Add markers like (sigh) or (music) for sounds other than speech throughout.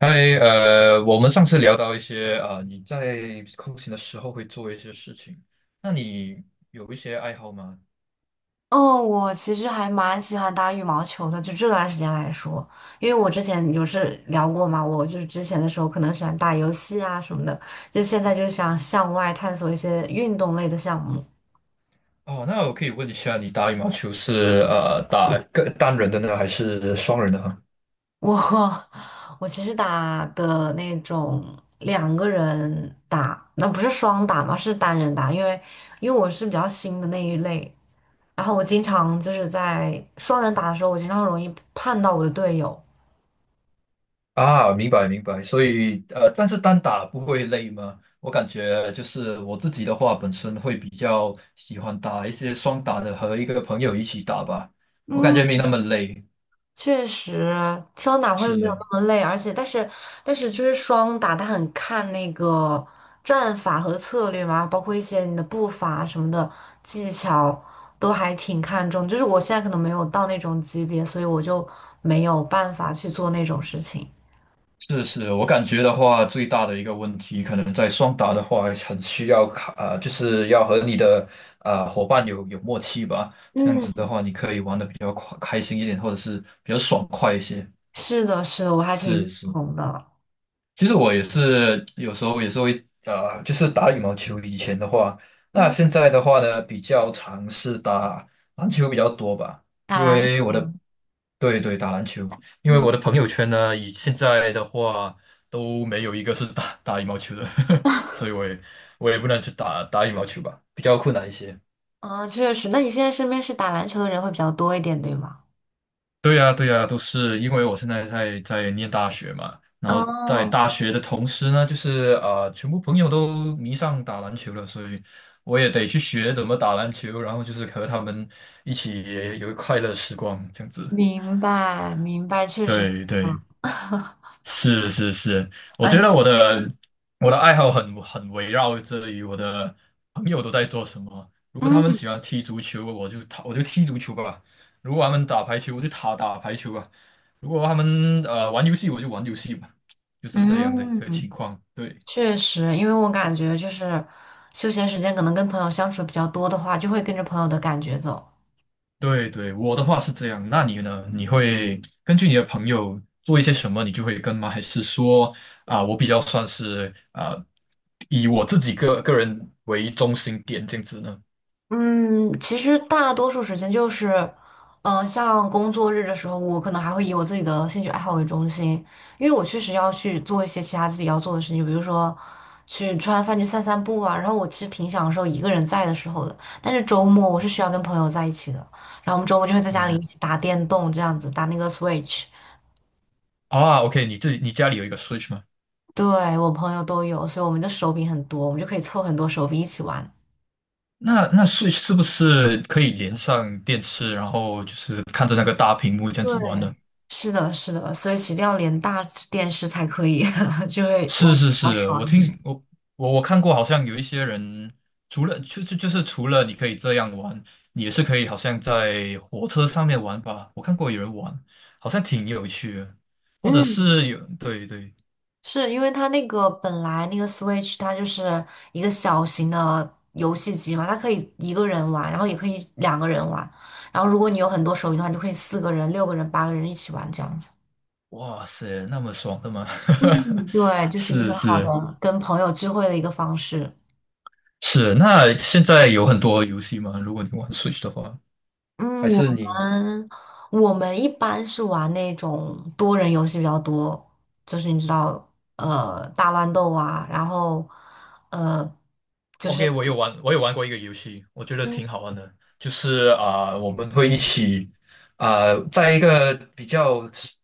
嗨，我们上次聊到一些啊、你在空闲的时候会做一些事情，那你有一些爱好吗？哦，我其实还蛮喜欢打羽毛球的，就这段时间来说，因为我之前有是聊过嘛，我就是之前的时候可能喜欢打游戏啊什么的，就现在就是想向外探索一些运动类的项目。哦，那我可以问一下，你打羽毛球是打个单人的呢，还是双人的哈？我 (laughs) 我其实打的那种两个人打，那不是双打嘛，是单人打，因为我是比较新的那一类，然后我经常就是在双人打的时候，我经常容易碰到我的队友。啊，明白明白，所以但是单打不会累吗？我感觉就是我自己的话，本身会比较喜欢打一些双打的，和一个朋友一起打吧，我感觉嗯。没那么累。确实，双打会是没有的。那么累，而且但是就是双打，它很看那个战法和策略嘛，包括一些你的步伐什么的技巧，都还挺看重。就是我现在可能没有到那种级别，所以我就没有办法去做那种事情。是是，我感觉的话，最大的一个问题，可能在双打的话，很需要卡，就是要和你的伙伴有默契吧。这样子的嗯，话，你可以玩的比较快开心一点，或者是比较爽快一些。是的，是的，我还挺认是是。同的。其实我也是有时候也是会就是打羽毛球。以前的话，那嗯，现在的话呢，比较尝试打篮球比较多吧，打因篮为我的，球，对对，打篮球，因为嗯我的朋友圈呢，以现在的话都没有一个是打羽毛球的，(laughs) 所以我也不能去打羽毛球吧，比较困难一些。啊，确实。那你现在身边是打篮球的人会比较多一点，对吗？对呀，对呀，都是因为我现在在念大学嘛，然后在哦，大学的同时呢，就是啊、全部朋友都迷上打篮球了，所以我也得去学怎么打篮球，然后就是和他们一起有快乐时光这样子。明白明白，确实。对对。啊。是是是，我觉得而我的爱好很围绕着于我的朋友都在做什么。如果他们嗯喜欢踢足球，我就踢足球吧；如果他们打排球，我就打排球吧；如果他们玩游戏，我就玩游戏吧。就是这样的一个情嗯，况，对。确实，因为我感觉就是休闲时间可能跟朋友相处比较多的话，就会跟着朋友的感觉走。对对，我的话是这样。那你呢？你会根据你的朋友做一些什么，你就会跟吗？还是说啊、我比较算是啊、以我自己个人为中心点这样子呢？嗯，其实大多数时间就是，像工作日的时候，我可能还会以我自己的兴趣爱好为中心，因为我确实要去做一些其他自己要做的事情，比如说去吃完饭去散散步啊。然后我其实挺享受一个人在的时候的，但是周末我是需要跟朋友在一起的，然后我们周末就会在家里一嗯，起打电动，这样子打那个 Switch。啊，OK，你自己你家里有一个 Switch 吗？对，我朋友都有，所以我们的手柄很多，我们就可以凑很多手柄一起玩。那 Switch 是不是可以连上电视，然后就是看着那个大屏幕这样子玩呢？对，是的，是的，所以其实一定要连大电视才可以，(laughs) 就会玩是比是较是，我爽一听点。我我我看过，好像有一些人，除了就是就是除了你可以这样玩，你也是可以好像在火车上面玩吧。我看过有人玩，好像挺有趣的，或者嗯，是有对对，是因为它那个本来那个 Switch 它就是一个小型的游戏机嘛，它可以一个人玩，然后也可以两个人玩，然后如果你有很多手柄的话，你就可以四个人、六个人、八个人一起玩这样子。哇塞，那么爽的吗？嗯，对，(laughs) 就是一个是很是好的跟朋友聚会的一个方式。是，那现在有很多游戏吗？如果你玩 Switch 的话，还嗯，是你？们我们一般是玩那种多人游戏比较多，就是你知道，大乱斗啊，然后呃，就是 OK，我有玩，过一个游戏，我觉得嗯 挺好玩的，就是啊、我们会一起啊、在一个比较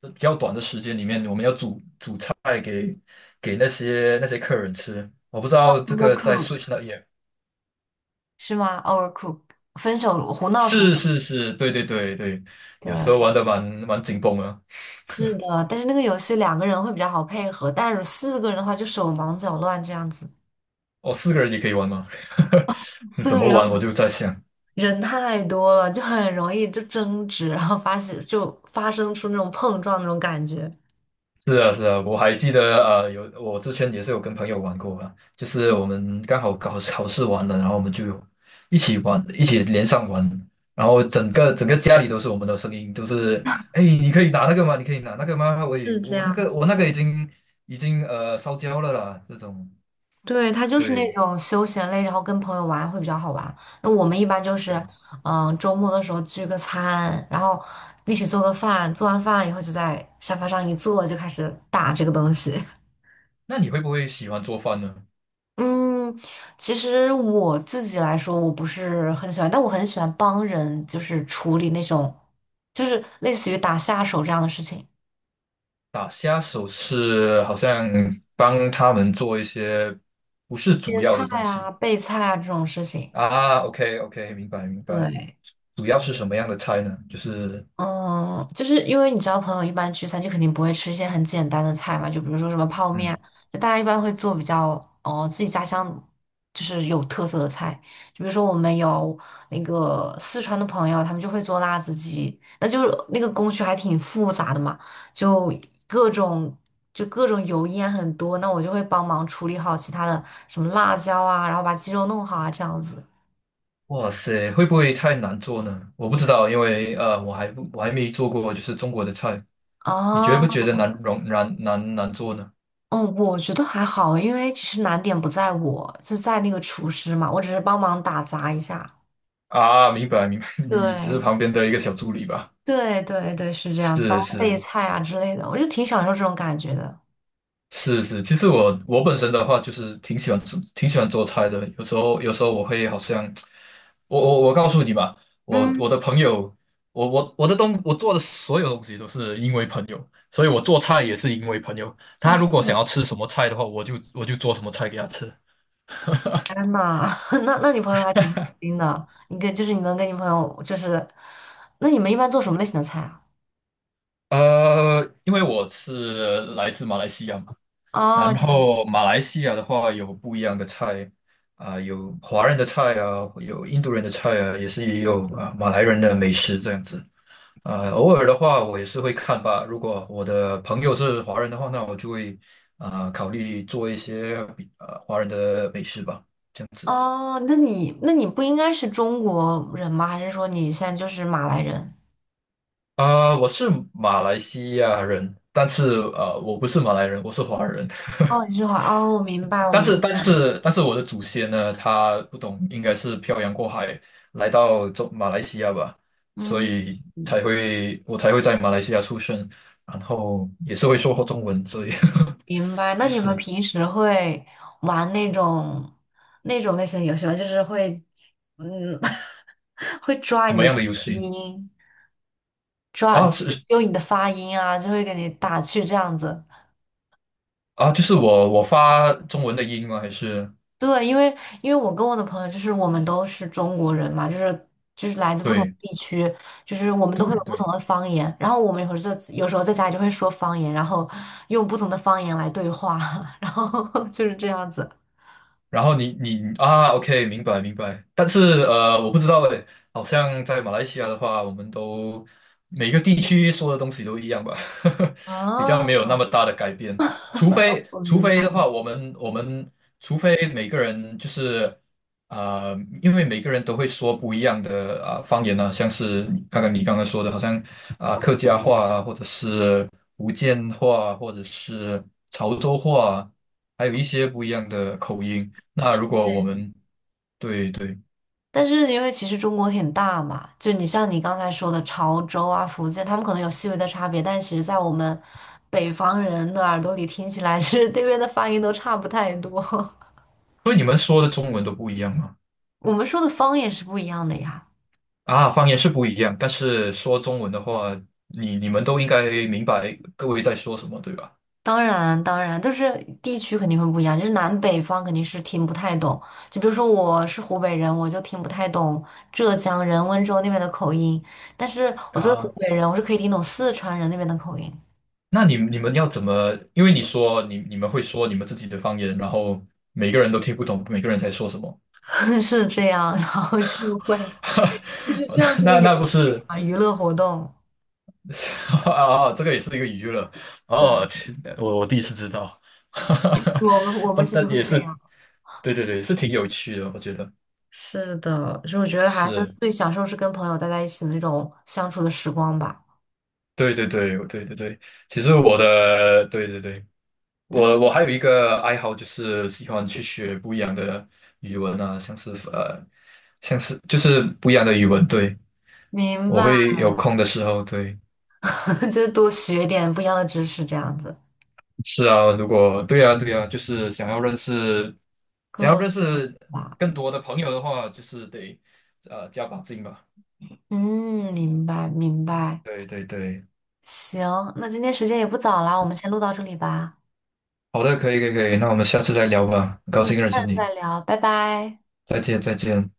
比较短的时间里面，我们要煮菜给那些客人吃。我不知道这个在 Overcook Switch 那也是吗？Overcook 分手胡闹厨是房。是是，对对对对，有时候玩对，的蛮紧绷的。是的，但是那个游戏两个人会比较好配合，但是四个人的话就手忙脚乱这样子，哦，四个人也可以玩吗？(laughs) 你四怎个么人玩？我就在想。人太多了，就很容易就争执，然后发现就发生出那种碰撞那种感觉，是啊，是啊，我还记得，我之前也是有跟朋友玩过啊，就是我们刚好考试完了，然后我们就一起玩，一起连上玩，然后整个家里都是我们的声音，都是，哎，你可以拿那个吗？你可以拿那个吗？我是这我那样个子。我那个已经烧焦了啦，这种，对，它就是那对种休闲类，然后跟朋友玩会比较好玩。那我们一般就是，对。周末的时候聚个餐，然后一起做个饭，做完饭以后就在沙发上一坐，就开始打这个东西。那你会不会喜欢做饭呢？(laughs) 嗯，其实我自己来说，我不是很喜欢，但我很喜欢帮人，就是处理那种，就是类似于打下手这样的事情，打下手是好像帮他们做一些不是主切要菜的东啊、西备菜啊这种事情。啊，OK OK，明白明白。对。主要是什么样的菜呢？就是，嗯，就是因为你知道，朋友一般聚餐就肯定不会吃一些很简单的菜嘛，就比如说什么泡面，嗯，就大家一般会做比较哦自己家乡就是有特色的菜，就比如说我们有那个四川的朋友，他们就会做辣子鸡，那就是那个工序还挺复杂的嘛，就各种就各种油烟很多，那我就会帮忙处理好其他的什么辣椒啊，然后把鸡肉弄好啊这样子。哇塞，会不会太难做呢？我不知道，因为我还没做过，就是中国的菜。你觉不哦觉得难容难难难做呢？嗯，我觉得还好，因为其实难点不在我，就在那个厨师嘛，我只是帮忙打杂一下。啊，明白明白，(laughs) 你只是对，旁边的一个小助理吧？对，对，对，是这样，帮是备是，菜啊之类的，我就挺享受这种感觉的。是是，其实我本身的话就是挺喜欢吃、挺喜欢做菜的，有时候我会好像，我告诉你吧，我嗯，我的朋友，我做的所有东西都是因为朋友，所以我做菜也是因为朋友。哦，他这如果么想要的，吃什么菜的话，我就做什么菜给他吃。天呐，(laughs) 那你朋友还挺开心的，就是你能跟你朋友就是，那你们一般做什么类型的菜啊？因为我是来自马来西亚嘛，哦，然你的后马来西亚的话有不一样的菜啊、有华人的菜啊，有印度人的菜啊，也是也有啊、马来人的美食这样子。啊、偶尔的话我也是会看吧。如果我的朋友是华人的话，那我就会啊、考虑做一些华人的美食吧，这样子。哦，那你不应该是中国人吗？还是说你现在就是马来人？啊、我是马来西亚人，但是我不是马来人，我是华人。哦，(laughs) 你是华哦，我明白，我明白，但是我的祖先呢，他不懂，应该是漂洋过海来到马来西亚吧，所嗯以嗯。我才会在马来西亚出生，然后也是会说中文，所以 明白。(laughs) 那你们是平时会玩那种类型的游戏吗？就是会，嗯，(laughs) 会抓怎你么的样的低游戏音，啊？就是是揪你的发音啊，就会给你打趣这样子。啊，就是我发中文的音吗？还是对，因为我跟我的朋友就是我们都是中国人嘛，就是来自不同对地区，就是我们都会对有不同对。的方言。然后我们有时候在家里就会说方言，然后用不同的方言来对话，(laughs) 然后就是这样子。然后你啊，OK，明白明白。但是我不知道诶，好像在马来西亚的话，我们都每个地区说的东西都一样吧，(laughs) 比较没哦，有那么大的改变。除非我除明非白。的话，我们我们除非每个人就是呃，因为每个人都会说不一样的啊、方言啊，像是你刚刚说的，好像啊、客家话啊，或者是福建话，或者是潮州话啊还有一些不一样的口音。那如果我们，对对，但是因为其实中国挺大嘛，像你刚才说的潮州啊、福建，他们可能有细微的差别，但是其实在我们北方人的耳朵里听起来，(laughs) 其实这边的发音都差不太多。(laughs) 所以你们说的中文都不一样吗？我们说的方言是不一样的呀，啊，方言是不一样，但是说中文的话，你们都应该明白各位在说什么，对吧？当然当然，就是地区肯定会不一样，就是南北方肯定是听不太懂。就比如说我是湖北人，我就听不太懂浙江人、温州那边的口音，但是我作为湖啊，北人，我是可以听懂四川人那边的口音，那你们要怎么？因为你说你们会说你们自己的方言，然后每个人都听不懂，每个人在说什么，(laughs) 是这样，然后就会。就是这样 (laughs) 是个那那不是 娱乐活动。(laughs) 啊？这个也是一个娱乐对，哦，切，我第一次知道，我们我 (laughs) 不，们其实但会也这是，样。对对对，是挺有趣的，我觉得是的，所以我觉得还是是。最享受是跟朋友待在一起的那种相处的时光吧。对对对，对对对，其实我的，对对对，我嗯，还有一个爱好，就是喜欢去学不一样的语文啊，像是就是不一样的语文，对，明我白，会有空的时候，对，(laughs) 就多学点不一样的知识，这样子是啊，如果对啊对啊，就是更想要多认识吧。更多的朋友的话，就是得加把劲吧，嗯，明白明白。对对对，行，那今天时间也不早了，我们先录到这里吧。好的，可以可以可以，那我们下次再聊吧，很高嗯，兴认下识次你，再聊，拜拜。再见再见。